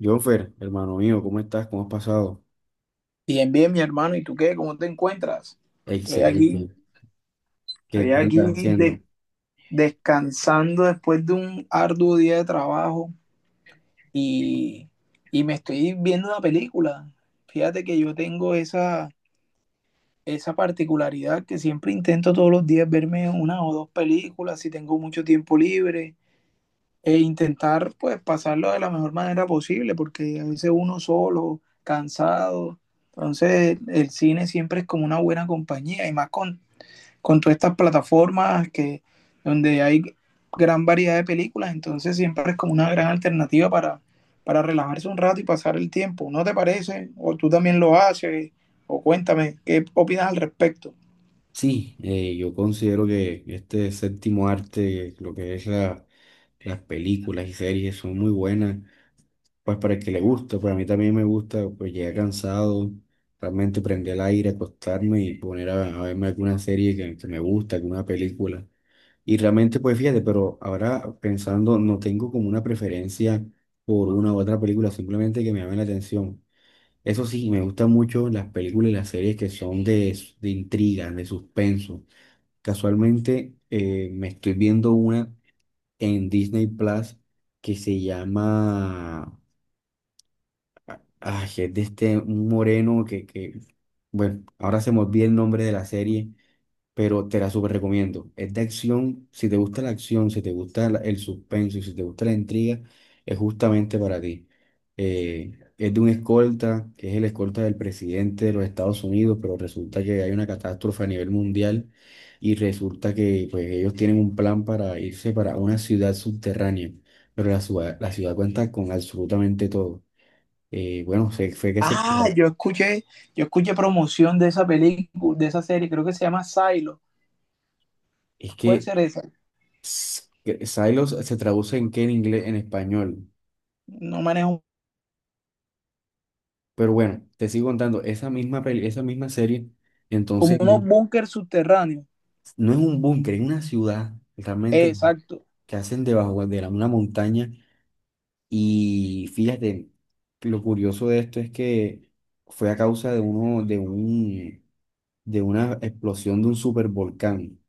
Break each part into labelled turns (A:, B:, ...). A: Jonfer, hermano mío, ¿cómo estás? ¿Cómo has pasado?
B: Bien, bien, mi hermano. ¿Y tú qué? ¿Cómo te encuentras? Estoy aquí,
A: Excelente. ¿Qué
B: estoy
A: qué
B: aquí
A: andas haciendo?
B: de- descansando después de un arduo día de trabajo y, y me estoy viendo una película. Fíjate que yo tengo esa particularidad que siempre intento todos los días verme una o dos películas si tengo mucho tiempo libre e intentar pues pasarlo de la mejor manera posible porque a veces uno solo, cansado. Entonces, el cine siempre es como una buena compañía y más con todas estas plataformas donde hay gran variedad de películas, entonces siempre es como una gran alternativa para relajarse un rato y pasar el tiempo. ¿No te parece? ¿O tú también lo haces? O cuéntame, ¿qué opinas al respecto?
A: Sí, yo considero que este séptimo arte, lo que es las películas y series, son muy buenas, pues para el que le gusta, para mí también me gusta, pues llegar cansado, realmente prender el aire, acostarme y poner a verme alguna serie que me gusta, alguna película. Y realmente, pues fíjate, pero ahora pensando, no tengo como una preferencia por una u otra película, simplemente que me llame la atención. Eso sí, me gustan mucho las películas y las series que son de intriga, de suspenso. Casualmente me estoy viendo una en Disney Plus que se llama... Ay, es de este un moreno que... Bueno, ahora se me olvida el nombre de la serie, pero te la súper recomiendo. Es de acción, si te gusta la acción, si te gusta el suspenso y si te gusta la intriga, es justamente para ti. Es de un escolta, que es el escolta del presidente de los Estados Unidos, pero resulta que hay una catástrofe a nivel mundial y resulta que pues, ellos tienen un plan para irse para una ciudad subterránea, pero la ciudad cuenta con absolutamente todo. Fue que se...
B: Ah, yo escuché promoción de esa película, de esa serie, creo que se llama Silo.
A: Es
B: Puede
A: que...
B: ser esa.
A: Que Silos se traduce en qué en inglés, en español.
B: No manejo
A: Pero bueno, te sigo contando, esa misma peli, esa misma serie,
B: como
A: entonces
B: unos
A: ujú.
B: búnker subterráneos.
A: No es un búnker, es una ciudad realmente
B: Exacto.
A: que hacen debajo de una montaña y fíjate, lo curioso de esto es que fue a causa de de una explosión de un supervolcán.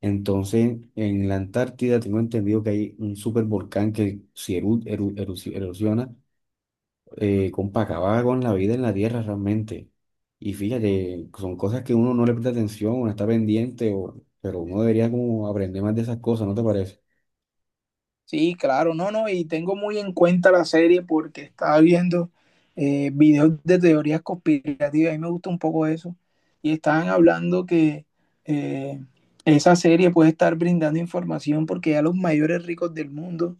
A: Entonces, en la Antártida tengo entendido que hay un supervolcán que si erosiona, compa, acaba con la vida en la tierra realmente. Y fíjate, son cosas que uno no le presta atención, uno está pendiente, pero uno debería como aprender más de esas cosas, ¿no te parece?
B: Sí, claro, no, no, y tengo muy en cuenta la serie porque estaba viendo videos de teorías conspirativas, a mí me gusta un poco eso, y estaban hablando que eh, esa serie puede estar brindando información porque ya los mayores ricos del mundo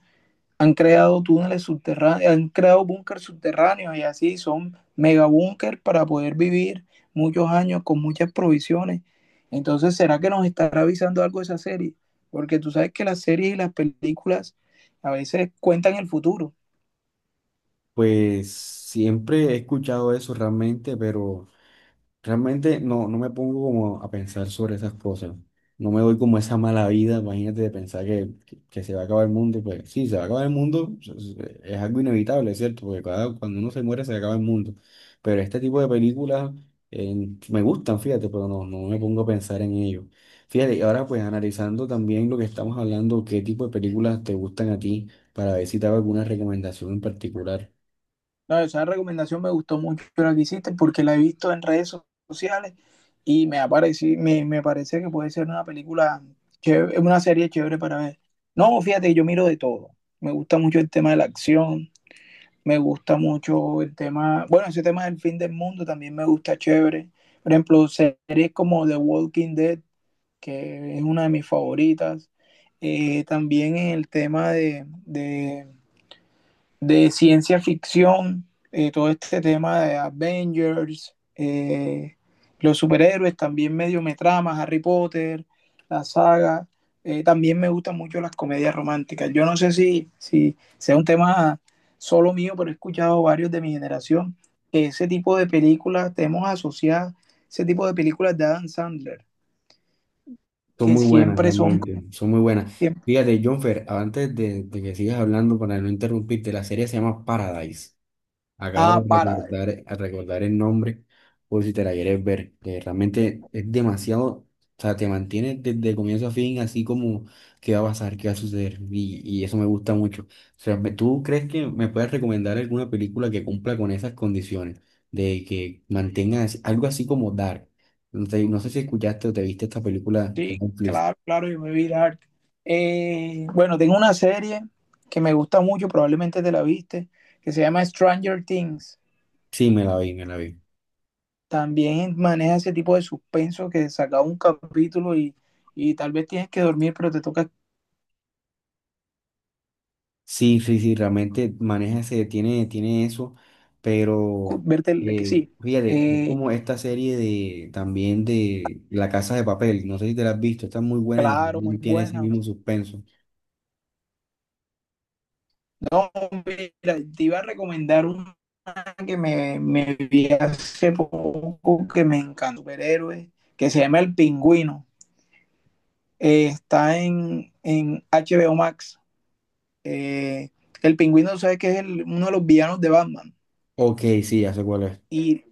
B: han creado túneles subterráneos, han creado búnkers subterráneos y así son mega búnker para poder vivir muchos años con muchas provisiones. Entonces, ¿será que nos estará avisando algo de esa serie? Porque tú sabes que las series y las películas a veces cuentan el futuro.
A: Pues siempre he escuchado eso realmente, pero... Realmente no, no me pongo como a pensar sobre esas cosas. No me doy como esa mala vida, imagínate de pensar que se va a acabar el mundo. Pues sí, se va a acabar el mundo, es algo inevitable, ¿cierto? Porque cuando uno se muere se acaba el mundo. Pero este tipo de películas eh, me gustan, fíjate, pero no, no me pongo a pensar en ello. Fíjate, y ahora pues analizando también lo que estamos hablando, qué tipo de películas te gustan a ti, para ver si te hago alguna recomendación en particular.
B: No, esa recomendación me gustó mucho la que hiciste porque la he visto en redes sociales y me parece que puede ser una chévere, una serie chévere para ver. No, fíjate, yo miro de todo. Me gusta mucho el tema de la acción. Me gusta mucho el tema, bueno, ese tema del fin del mundo también me gusta chévere. Por ejemplo, series como The Walking Dead, que es una de mis favoritas. También el tema de de ciencia ficción, todo este tema de Avengers, los superhéroes, también medio me trama, Harry Potter, la saga. También me gustan mucho las comedias románticas. Yo no sé si sea un tema solo mío, pero he escuchado varios de mi generación que ese tipo de películas, tenemos asociadas ese tipo de películas de Adam Sandler,
A: Son
B: que
A: muy buenas,
B: siempre son...
A: realmente, son muy buenas.
B: siempre-
A: Fíjate, Jonfer, de que sigas hablando, para no interrumpirte, la serie se llama Paradise. Acabo
B: ah,
A: de
B: para.
A: recordar, a recordar el nombre, por si te la quieres ver, que realmente es demasiado, o sea, te mantiene desde comienzo a fin, así como qué va a pasar, qué va a suceder, y eso me gusta mucho. O sea, ¿tú crees que me puedes recomendar alguna película que cumpla con esas condiciones, de que mantenga algo así como Dark? No sé, no sé si escuchaste o te viste esta película de
B: Sí,
A: Netflix.
B: claro, claro, yo me vi Dark. Bueno, tengo una serie que me gusta mucho, probablemente te la viste, que se llama Stranger Things.
A: Sí, me la vi, me la vi.
B: También maneja ese tipo de suspenso que saca un capítulo y tal vez tienes que dormir, pero te toca
A: Sí, sí, sí, realmente maneja ese, tiene eso, pero
B: verte el que sí.
A: fíjate, es
B: Eh,
A: como esta serie de también de La Casa de Papel, no sé si te la has visto, está muy buena y
B: claro, muy
A: también tiene ese
B: buena.
A: mismo suspenso.
B: No, mira, te iba a recomendar una me vi hace poco que me encantó, superhéroe, que se llama El Pingüino. Está en HBO Max. Eh, el pingüino, ¿sabes que es uno de los villanos de Batman?
A: Ok, sí, ya sé cuál es.
B: Y,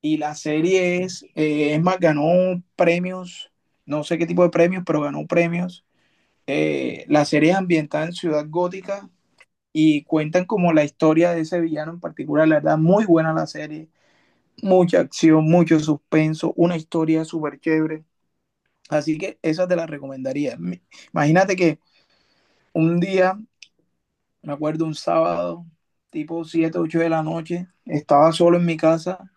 B: y la serie es más, ganó premios, no sé qué tipo de premios, pero ganó premios. La serie es ambientada en Ciudad Gótica y cuentan como la historia de ese villano en particular. La verdad, muy buena la serie. Mucha acción, mucho suspenso, una historia súper chévere. Así que esa te la recomendaría. Imagínate que un día me acuerdo un sábado, tipo 7 8 de la noche, estaba solo en mi casa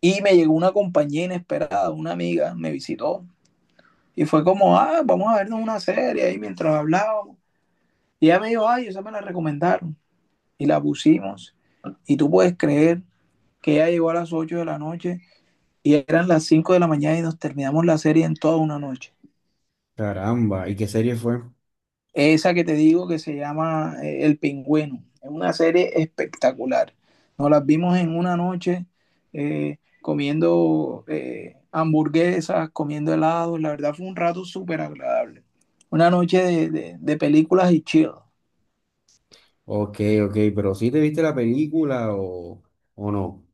B: y me llegó una compañía inesperada, una amiga, me visitó y fue como, ah, vamos a vernos una serie ahí mientras hablábamos. Y ella me dijo, ay, esa me la recomendaron y la pusimos. Y tú puedes creer que ella llegó a las 8 de la noche y eran las 5 de la mañana y nos terminamos la serie en toda una noche.
A: Caramba, ¿y qué serie fue?
B: Esa que te digo que se llama El Pingüino. Es una serie espectacular. Nos las vimos en una noche comiendo hamburguesas, comiendo helados. La verdad fue un rato súper agradable. Una noche de películas y chill.
A: Ok, ok, pero ¿sí te viste la película o no?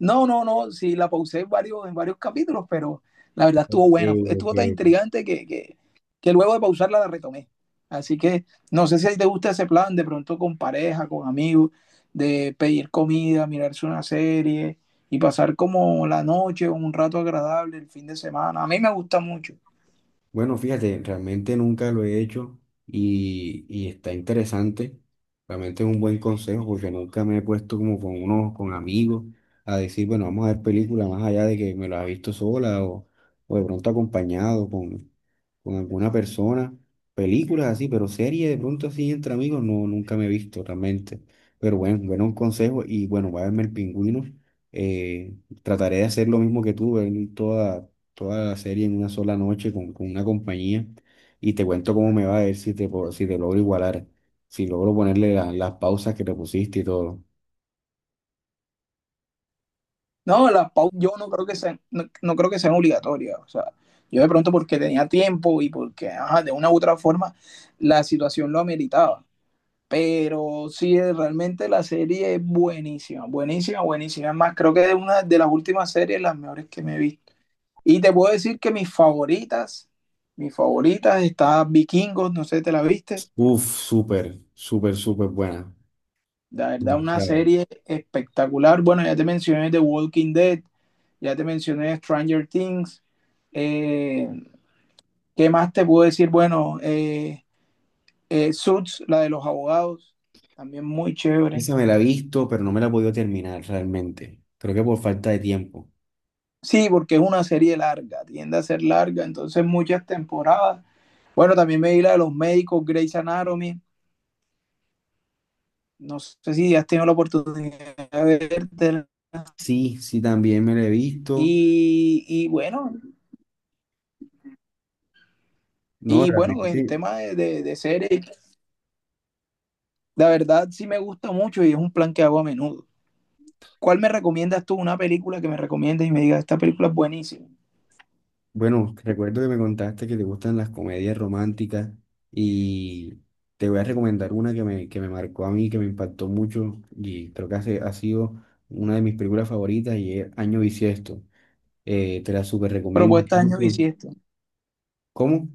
B: No, no, no, sí, la pausé en varios capítulos, pero la verdad estuvo
A: Ok,
B: buena. Estuvo tan
A: ok.
B: intrigante que luego de pausarla la retomé. Así que no sé si a ti te gusta ese plan, de pronto con pareja, con amigos, de pedir comida, mirarse una serie y pasar como la noche, un rato agradable, el fin de semana. A mí me gusta mucho.
A: Bueno, fíjate, realmente nunca lo he hecho y está interesante. Realmente es un buen consejo porque nunca me he puesto como con unos, con amigos a decir, bueno, vamos a ver películas más allá de que me las he visto sola o de pronto acompañado con alguna persona. Películas así, pero series de pronto así entre amigos, no, nunca me he visto realmente. Pero bueno, bueno, un consejo y bueno, voy a verme el pingüino. Eh, Trataré de hacer lo mismo que tú, ver toda la serie en una sola noche con una compañía y te cuento cómo me va a ver si si te logro igualar, si logro ponerle las pausas que te pusiste y todo.
B: No, las pausas yo no creo que sean, no, no creo que sean obligatorias. O sea, yo de pronto porque tenía tiempo y porque ajá, de una u otra forma la situación lo ameritaba. Pero sí, realmente la serie es buenísima, buenísima, buenísima. Es más, creo que es una de las últimas series, las mejores que me he visto. Y te puedo decir que mis favoritas, está Vikingos, no sé, si ¿te la viste?
A: Uf, súper, súper, súper buena.
B: La verdad, una
A: Demasiado.
B: serie espectacular. Bueno, ya te mencioné The Walking Dead, ya te mencioné Stranger Things. Eh, ¿qué más te puedo decir? Bueno, Suits, la de los abogados, también muy chévere.
A: Esa me la he visto, pero no me la he podido terminar realmente. Creo que por falta de tiempo.
B: Sí, porque es una serie larga, tiende a ser larga, entonces muchas temporadas. Bueno, también me vi la de los médicos, Grey's Anatomy, no sé si has tenido la oportunidad de ver
A: Sí, sí, también me la he visto.
B: bueno,
A: No,
B: y bueno, en
A: realmente.
B: tema de series, la verdad sí me gusta mucho y es un plan que hago a menudo. ¿Cuál me recomiendas tú? Una película que me recomiendes y me digas, esta película es buenísima.
A: Bueno, recuerdo que me contaste que te gustan las comedias románticas y te voy a recomendar una que me marcó a mí, que me impactó mucho y creo que ha sido una de mis películas favoritas y es Año Bisiesto. Te la súper recomiendo
B: Propuesta año
A: mucho.
B: bisiesto.
A: ¿Cómo?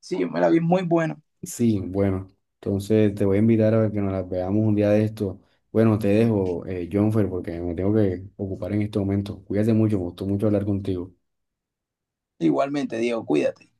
B: Sí, yo me la vi muy buena.
A: Sí, bueno, entonces te voy a invitar a que nos la veamos un día de esto. Bueno, te dejo, Jonfer, porque me tengo que ocupar en este momento. Cuídate mucho, me gustó mucho hablar contigo.
B: Igualmente, Diego, cuídate.